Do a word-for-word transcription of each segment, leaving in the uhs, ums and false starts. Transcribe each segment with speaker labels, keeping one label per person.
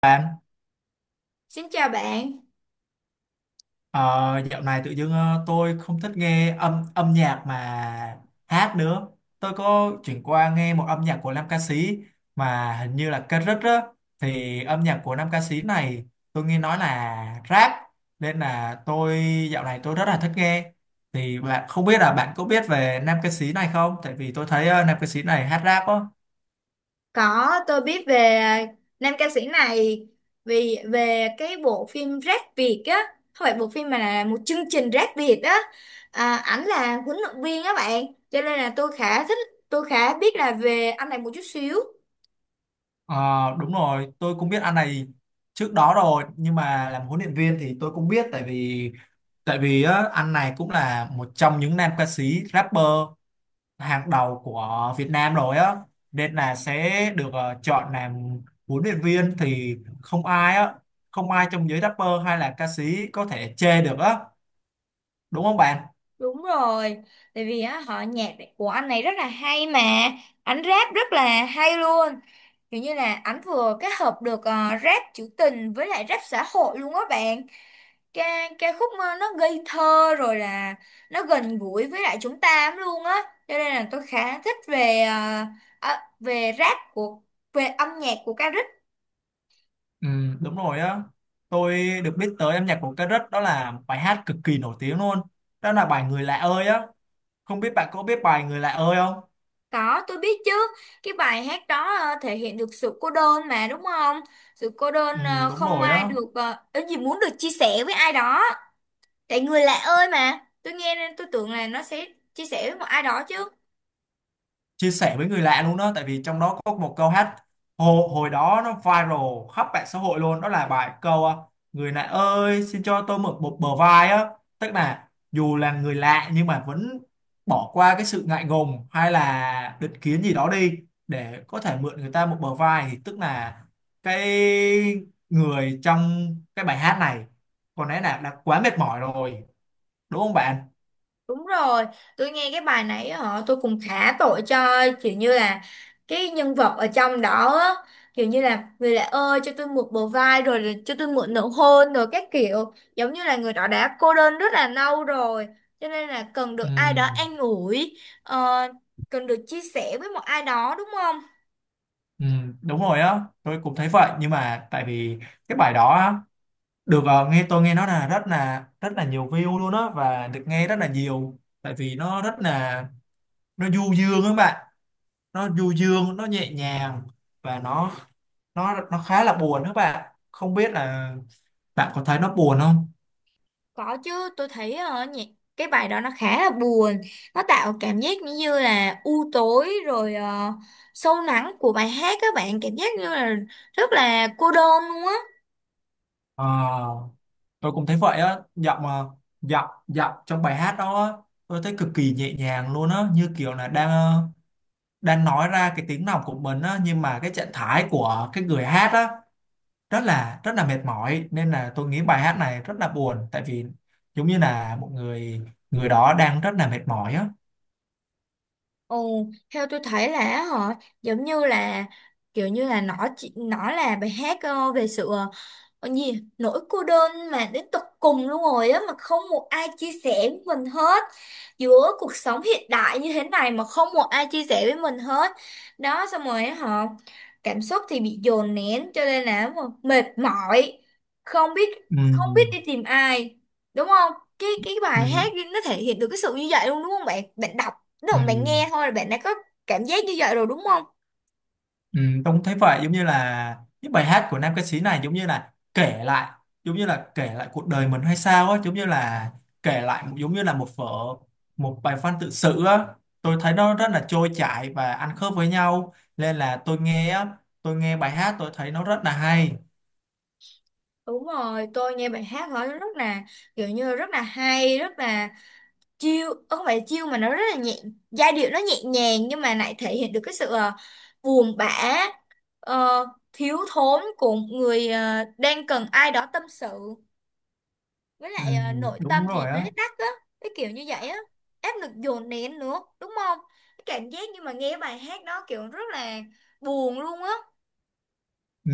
Speaker 1: Bạn,
Speaker 2: Xin chào bạn.
Speaker 1: ờ, dạo này tự dưng ờ, tôi không thích nghe âm âm nhạc mà hát nữa. Tôi có chuyển qua nghe một âm nhạc của nam ca sĩ mà hình như là Kendrick á. Thì âm nhạc của nam ca sĩ này tôi nghe nói là rap nên là tôi dạo này tôi rất là thích nghe. Thì bạn không biết là bạn có biết về nam ca sĩ này không? Tại vì tôi thấy ờ, nam ca sĩ này hát rap á.
Speaker 2: Có tôi biết về nam ca sĩ này vì về cái bộ phim Rap Việt á, không phải bộ phim mà là một chương trình Rap Việt á. À, ảnh là huấn luyện viên á bạn, cho nên là tôi khá thích, tôi khá biết là về anh này một chút xíu.
Speaker 1: Ờ, đúng rồi, tôi cũng biết anh này trước đó rồi nhưng mà làm huấn luyện viên thì tôi cũng biết tại vì tại vì á, anh này cũng là một trong những nam ca sĩ rapper hàng đầu của Việt Nam rồi á, nên là sẽ được ờ, chọn làm huấn luyện viên thì không ai á không ai trong giới rapper hay là ca sĩ có thể chê được á, đúng không bạn?
Speaker 2: Đúng rồi, tại vì á họ nhạc của anh này rất là hay mà, ảnh rap rất là hay luôn. Kiểu như là ảnh vừa kết hợp được ờ, rap trữ tình với lại rap xã hội luôn á bạn. Ca ca khúc ờ, nó ngây thơ rồi là nó gần gũi với lại chúng ta lắm luôn á, cho nên là tôi khá thích về ờ, ờ, về rap của về âm nhạc của ca rích.
Speaker 1: Ừ, đúng rồi á, tôi được biết tới âm nhạc của Cà Rứt, đó là bài hát cực kỳ nổi tiếng luôn, đó là bài Người Lạ ơi á, không biết bạn có biết bài Người Lạ ơi không?
Speaker 2: Có tôi biết chứ, cái bài hát đó ờ, thể hiện được sự cô đơn mà đúng không? Sự cô
Speaker 1: Ừ,
Speaker 2: đơn, ờ,
Speaker 1: đúng
Speaker 2: không
Speaker 1: rồi
Speaker 2: ai
Speaker 1: á,
Speaker 2: được uh, gì muốn được chia sẻ với ai đó. Tại người lạ ơi mà tôi nghe nên tôi tưởng là nó sẽ chia sẻ với một ai đó chứ.
Speaker 1: chia sẻ với người lạ luôn đó, tại vì trong đó có một câu hát hồi, hồi đó nó viral khắp mạng xã hội luôn, đó là bài câu à, người lạ ơi xin cho tôi mượn một bờ vai á, tức là dù là người lạ nhưng mà vẫn bỏ qua cái sự ngại ngùng hay là định kiến gì đó đi để có thể mượn người ta một bờ vai, thì tức là cái người trong cái bài hát này có lẽ là đã quá mệt mỏi rồi, đúng không bạn?
Speaker 2: Đúng rồi, tôi nghe cái bài nãy họ tôi cũng khá tội cho, kiểu như là cái nhân vật ở trong đó á, kiểu như là người lạ ơi cho tôi mượn bờ vai rồi là cho tôi mượn nụ hôn rồi các kiểu, giống như là người đó đã cô đơn rất là lâu rồi cho nên là cần
Speaker 1: Ừ.
Speaker 2: được ai đó an ủi, ờ, cần được chia sẻ với một ai đó đúng không?
Speaker 1: Ừ, đúng rồi á, tôi cũng thấy vậy nhưng mà tại vì cái bài đó á, được ờ, nghe tôi nghe nó là rất là rất là nhiều view luôn á, và được nghe rất là nhiều tại vì nó rất là, nó du dương các bạn, nó du dương nó nhẹ nhàng và nó nó nó khá là buồn các bạn, không biết là bạn có thấy nó buồn không?
Speaker 2: Có chứ, tôi thấy ờ, nhị- cái bài đó nó khá là buồn, nó tạo cảm giác như như là u tối rồi ờ, sâu lắng của bài hát các bạn, cảm giác như là rất là cô đơn luôn á.
Speaker 1: Ờ, tôi cũng thấy vậy á, giọng ờ, giọng giọng trong bài hát đó á, tôi thấy cực kỳ nhẹ nhàng luôn á, như kiểu là đang ờ, đang nói ra cái tiếng lòng của mình á, nhưng mà cái trạng thái của cái người hát á rất là rất là mệt mỏi, nên là tôi nghĩ bài hát này rất là buồn, tại vì giống như là một người, người đó đang rất là mệt mỏi á.
Speaker 2: Ồ, theo tôi thấy là họ giống như là, kiểu như là nó chỉ nó là bài hát ờ, về sự ờ, còn gì nỗi cô đơn mà đến tột cùng luôn rồi á, mà không một ai chia sẻ với mình hết, giữa cuộc sống hiện đại như thế này mà không một ai chia sẻ với mình hết đó. Xong rồi á họ cảm xúc thì bị dồn nén cho nên là mà mệt mỏi, không biết, không biết đi
Speaker 1: Ừ.
Speaker 2: tìm ai, đúng không? Cái cái bài
Speaker 1: Ừ.
Speaker 2: hát đi, nó thể hiện được cái sự như vậy luôn đúng không bạn? Bạn đọc đúng
Speaker 1: Ừ.
Speaker 2: không? Bạn nghe thôi là bạn đã có cảm giác như vậy rồi đúng không?
Speaker 1: Ừ, Tông thấy vậy, giống như là những bài hát của nam ca sĩ này giống như là kể lại, giống như là kể lại cuộc đời mình hay sao á, giống như là kể lại giống như là một vở, một bài văn tự sự á, tôi thấy nó rất là trôi chảy và ăn khớp với nhau nên là tôi nghe á tôi nghe bài hát tôi thấy nó rất là hay.
Speaker 2: Đúng rồi, tôi nghe bài hát đó rất là, kiểu như rất là hay, rất là chill, ờ, không phải chill mà nó rất là nhẹ. Giai điệu nó nhẹ nhàng nhưng mà lại thể hiện được cái sự ờ, buồn bã, ờ, thiếu thốn của một người ờ, đang cần ai đó tâm sự, với
Speaker 1: Ừ,
Speaker 2: lại ờ, nội tâm
Speaker 1: đúng
Speaker 2: thì
Speaker 1: rồi
Speaker 2: bế
Speaker 1: á.
Speaker 2: tắc á, cái kiểu như vậy á. Áp lực dồn nén nữa đúng không? Cái cảm giác như mà nghe bài hát đó kiểu rất là buồn luôn á.
Speaker 1: Ừ,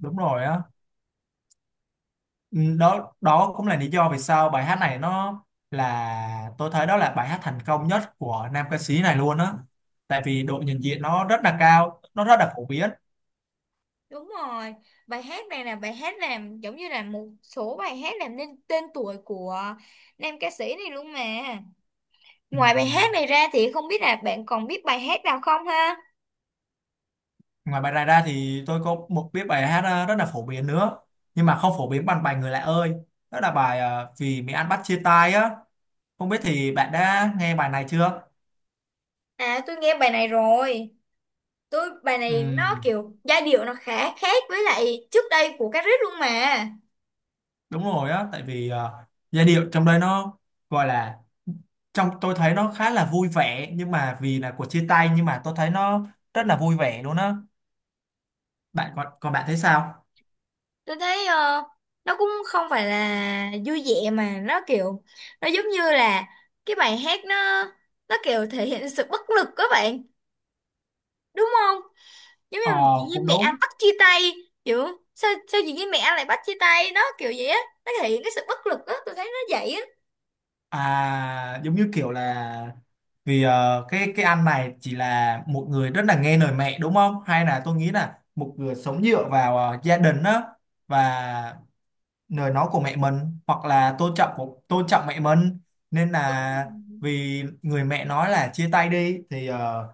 Speaker 1: đúng rồi á. Ừ, đó đó cũng là lý do vì sao bài hát này nó là, tôi thấy đó là bài hát thành công nhất của nam ca sĩ này luôn á, tại vì độ nhận diện nó rất là cao, nó rất là phổ biến.
Speaker 2: Đúng rồi, bài hát này là bài hát làm giống như là một số bài hát làm nên tên tuổi của nam ca sĩ này luôn mà.
Speaker 1: Ừ.
Speaker 2: Ngoài bài hát này ra thì không biết là bạn còn biết bài hát nào không ha?
Speaker 1: Ngoài bài này ra thì tôi có một biết bài hát ờ, rất là phổ biến nữa, nhưng mà không phổ biến bằng bài Người Lạ ơi, đó là bài ờ, Vì Mỹ Ăn Bắt Chia Tay á, không biết thì bạn đã nghe bài này chưa?
Speaker 2: À, tôi nghe bài này rồi. Tôi bài
Speaker 1: Ừ.
Speaker 2: này nó kiểu giai điệu nó khá khác với lại trước đây của Cát Rích luôn mà.
Speaker 1: Đúng rồi á, tại vì ờ, giai điệu trong đây nó gọi là, trong tôi thấy nó khá là vui vẻ, nhưng mà vì là cuộc chia tay nhưng mà tôi thấy nó rất là vui vẻ luôn á, bạn còn còn bạn thấy sao?
Speaker 2: Tôi thấy ờ, nó cũng không phải là vui vẻ mà nó kiểu, nó giống như là cái bài hát nó nó kiểu thể hiện sự bất lực các bạn, đúng không? Giống như
Speaker 1: Ờ,
Speaker 2: mà chị với
Speaker 1: cũng
Speaker 2: mẹ anh
Speaker 1: đúng.
Speaker 2: bắt chia tay, kiểu sao sao chị với mẹ anh lại bắt chia tay, nó kiểu vậy á, nó thể hiện cái sự bất lực á, tôi thấy nó vậy á.
Speaker 1: À, giống như kiểu là vì ờ, cái cái anh này chỉ là một người rất là nghe lời mẹ, đúng không, hay là tôi nghĩ là một người sống dựa vào ờ, gia đình á, và lời nói của mẹ mình hoặc là tôn trọng của tôn trọng mẹ mình, nên
Speaker 2: Đúng
Speaker 1: là
Speaker 2: rồi.
Speaker 1: vì người mẹ nói là chia tay đi thì ờ,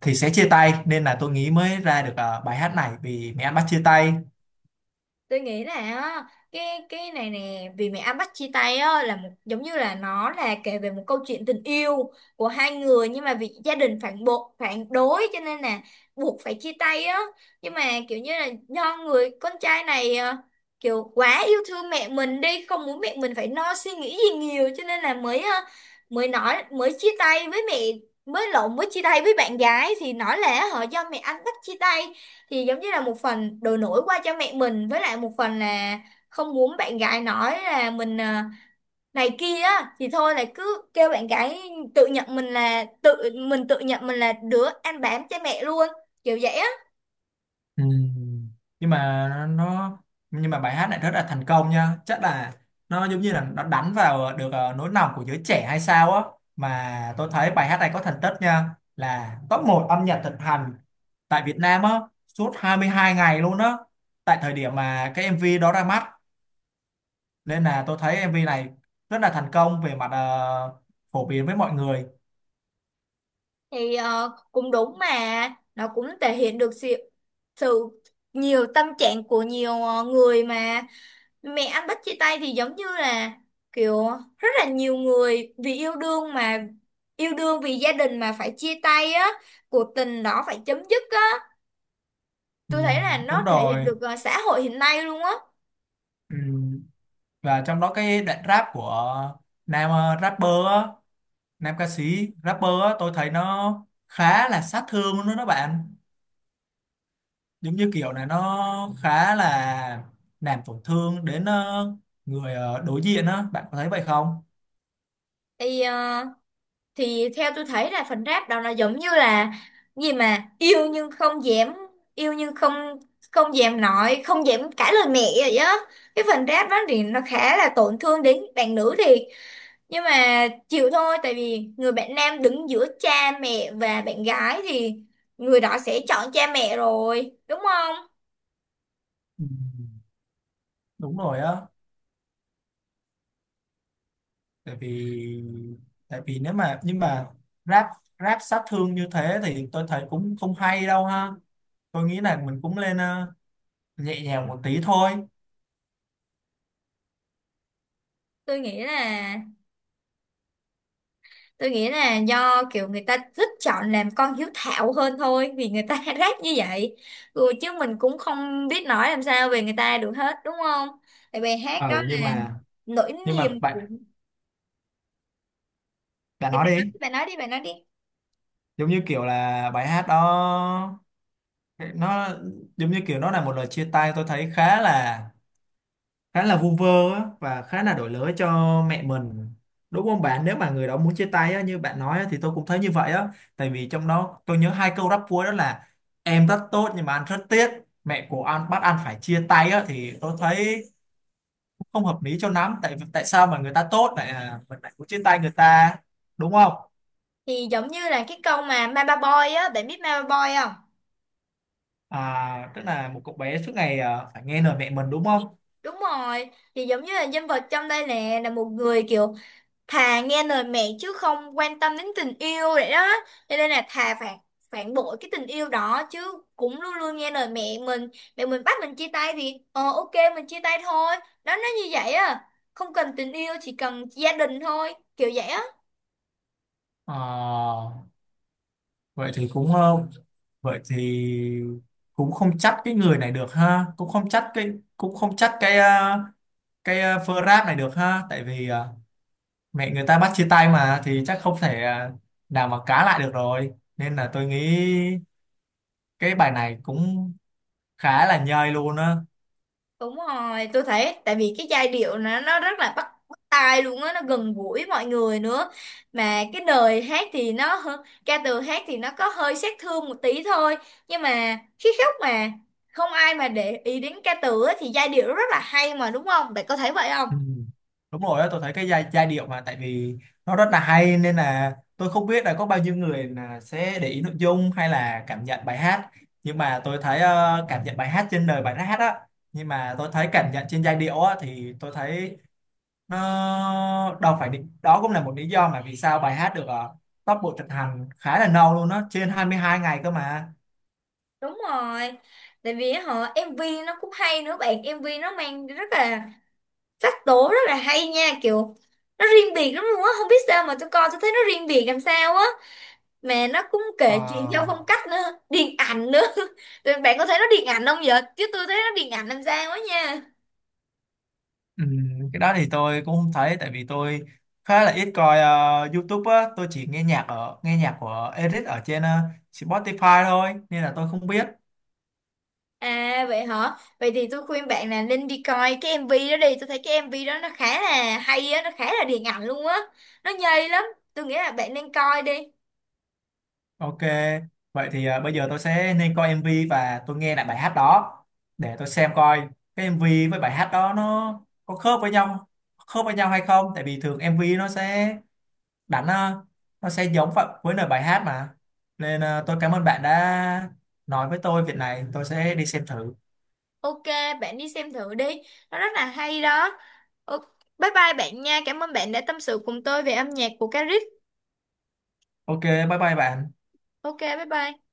Speaker 1: thì sẽ chia tay, nên là tôi nghĩ mới ra được ờ, bài hát này Vì Mẹ Anh Bắt Chia Tay.
Speaker 2: Tôi nghĩ là á, cái cái này nè vì mẹ anh bắt chia tay á là một, giống như là nó là kể về một câu chuyện tình yêu của hai người nhưng mà vì gia đình phản bộ phản đối cho nên là buộc phải chia tay á. Nhưng mà kiểu như là do người con trai này ờ, kiểu quá yêu thương mẹ mình đi, không muốn mẹ mình phải lo suy nghĩ gì nhiều cho nên là mới ờ, mới nói mới chia tay với mẹ, mới lộn mới chia tay với bạn gái thì nói là họ do mẹ anh bắt chia tay, thì giống như là một phần đổ lỗi qua cho mẹ mình với lại một phần là không muốn bạn gái nói là mình à, này kia á, thì thôi là cứ kêu bạn gái tự nhận mình là tự mình tự nhận mình là đứa ăn bám cha mẹ luôn, kiểu vậy á.
Speaker 1: Ừm, nhưng mà nó nó- nhưng mà bài hát này rất là thành công nha, chắc là nó giống như là nó đánh vào được ờ, nỗi lòng của giới trẻ hay sao á, mà tôi thấy bài hát này có thành tích nha là top một âm nhạc thịnh hành tại Việt Nam á, suốt hai mươi hai ngày luôn á, tại thời điểm mà cái em vê đó ra mắt, nên là tôi thấy em vê này rất là thành công về mặt ờ, phổ biến với mọi người.
Speaker 2: Thì ờ, cũng đúng mà, nó cũng thể hiện được sự, sự nhiều tâm trạng của nhiều ờ, người mà mẹ anh Bích chia tay thì giống như là kiểu rất là nhiều người vì yêu đương mà yêu đương vì gia đình mà phải chia tay á, cuộc tình đó phải chấm dứt á. Tôi thấy là
Speaker 1: Ừm, đúng
Speaker 2: nó thể hiện
Speaker 1: rồi.
Speaker 2: được ờ, xã hội hiện nay luôn á.
Speaker 1: Ừ. Và trong đó cái đoạn rap của nam ờ, rapper á, nam ca sĩ rapper á, tôi thấy nó khá là sát thương luôn đó các bạn, giống như kiểu này nó khá là làm tổn thương đến ờ, người ờ, đối diện á, bạn có thấy vậy không?
Speaker 2: Thì ờ, thì theo tôi thấy là phần rap đó nó giống như là gì mà yêu nhưng không dám, yêu nhưng không, không dám nói, không dám cãi lời mẹ vậy á. Cái phần rap đó thì nó khá là tổn thương đến bạn nữ thiệt, nhưng mà chịu thôi tại vì người bạn nam đứng giữa cha mẹ và bạn gái thì người đó sẽ chọn cha mẹ rồi đúng không?
Speaker 1: Ừ. Đúng rồi á, tại vì tại vì nếu mà nhưng mà rap rap sát thương như thế thì tôi thấy cũng không hay đâu ha, tôi nghĩ là mình cũng lên ờ, nhẹ nhàng một tí thôi.
Speaker 2: tôi nghĩ là tôi nghĩ là do kiểu người ta thích chọn làm con hiếu thảo hơn thôi vì người ta ráp như vậy. Ừ, chứ mình cũng không biết nói làm sao về người ta được hết đúng không? Tại bài hát đó
Speaker 1: Ừ, nhưng
Speaker 2: là
Speaker 1: mà
Speaker 2: nỗi
Speaker 1: nhưng mà
Speaker 2: niềm của.
Speaker 1: bạn bạn
Speaker 2: Thì bạn
Speaker 1: nói
Speaker 2: nói
Speaker 1: đi.
Speaker 2: đi bạn nói đi bạn nói đi.
Speaker 1: Giống như kiểu là bài hát đó nó giống như kiểu nó là một lời chia tay, tôi thấy khá là khá là vu vơ á, và khá là đổi lỗi cho mẹ mình, đúng không bạn? Nếu mà người đó muốn chia tay á, như bạn nói á, thì tôi cũng thấy như vậy á, tại vì trong đó tôi nhớ hai câu rap cuối đó là: em rất tốt nhưng mà anh rất tiếc, mẹ của anh bắt anh phải chia tay á, thì tôi thấy không hợp lý cho lắm, tại tại sao mà người ta tốt lại à, mình lại muốn chia tay người ta, đúng không?
Speaker 2: Thì giống như là cái câu mà Mama Boy á, bạn biết Mama Boy không?
Speaker 1: À, tức là một cậu bé suốt ngày à, phải nghe lời mẹ mình, đúng không?
Speaker 2: Đúng rồi, thì giống như là nhân vật trong đây nè là một người kiểu thà nghe lời mẹ chứ không quan tâm đến tình yêu vậy đó. Cho nên là thà phản phản bội cái tình yêu đó chứ cũng luôn luôn nghe lời mẹ mình. Mẹ mình bắt mình chia tay thì ờ ok mình chia tay thôi. Đó nó như vậy à. Không cần tình yêu chỉ cần gia đình thôi, kiểu vậy á.
Speaker 1: Ờ, vậy thì cũng không. Vậy thì cũng không trách cái người này được ha, cũng không trách cái, cũng không trách cái à, cái à, Frap này được ha, tại vì à, mẹ người ta bắt chia tay mà thì chắc không thể à, nào mà cá lại được rồi. Nên là tôi nghĩ cái bài này cũng khá là nhơi luôn á.
Speaker 2: Đúng rồi, tôi thấy tại vì cái giai điệu nó nó rất là bắt bắt tai luôn á, nó gần gũi mọi người nữa. Mà cái lời hát thì nó hơ- ca từ hát thì nó có hơi sát thương một tí thôi, nhưng mà khi khóc mà không ai mà để ý đến ca từ á, thì giai điệu nó rất là hay mà đúng không? Bạn có thấy vậy không?
Speaker 1: Ừ. Đúng rồi á, tôi thấy cái giai, giai điệu mà tại vì nó rất là hay, nên là tôi không biết là có bao nhiêu người là sẽ để ý nội dung hay là cảm nhận bài hát, nhưng mà tôi thấy ờ, cảm nhận bài hát trên lời bài hát á, nhưng mà tôi thấy cảm nhận trên giai điệu á thì tôi thấy nó đâu phải định, đó cũng là một lý do mà vì sao bài hát được ờ, top bộ tracks hành khá là lâu luôn á, trên hai mươi hai ngày cơ mà.
Speaker 2: Đúng rồi. Tại vì họ em vê nó cũng hay nữa bạn, em vê nó mang rất là sắc tố rất là hay nha, kiểu nó riêng biệt lắm luôn á, không biết sao mà tôi coi tôi thấy nó riêng biệt làm sao á. Mà nó cũng
Speaker 1: Ờ.
Speaker 2: kể chuyện theo phong cách nữa điện ảnh nữa. Rồi bạn có thấy nó điện ảnh không vậy chứ tôi thấy nó điện ảnh làm sao quá nha.
Speaker 1: Ừ, cái đó thì tôi cũng không thấy, tại vì tôi khá là ít coi ờ, YouTube á, tôi chỉ nghe nhạc ở nghe nhạc của Eric ở trên ờ, Spotify thôi nên là tôi không biết.
Speaker 2: À vậy hả, vậy thì tôi khuyên bạn là nên đi coi cái em vê đó đi, tôi thấy cái em vê đó nó khá là hay á, nó khá là điện ảnh luôn á, nó nhây lắm. Tôi nghĩ là bạn nên coi đi.
Speaker 1: Ok, vậy thì ờ, bây giờ tôi sẽ nên coi em vê và tôi nghe lại bài hát đó để tôi xem coi cái em vê với bài hát đó nó có khớp với nhau, khớp với nhau hay không, tại vì thường em vê nó sẽ đánh ờ, nó sẽ giống vậy với lời bài hát mà, nên ờ, tôi cảm ơn bạn đã nói với tôi việc này, tôi sẽ đi xem thử.
Speaker 2: Ok, bạn đi xem thử đi, nó rất là hay đó. Ok, bye bye bạn nha, cảm ơn bạn đã tâm sự cùng tôi về âm nhạc của Caric.
Speaker 1: Ok, bye bye bạn.
Speaker 2: Ok, bye bye.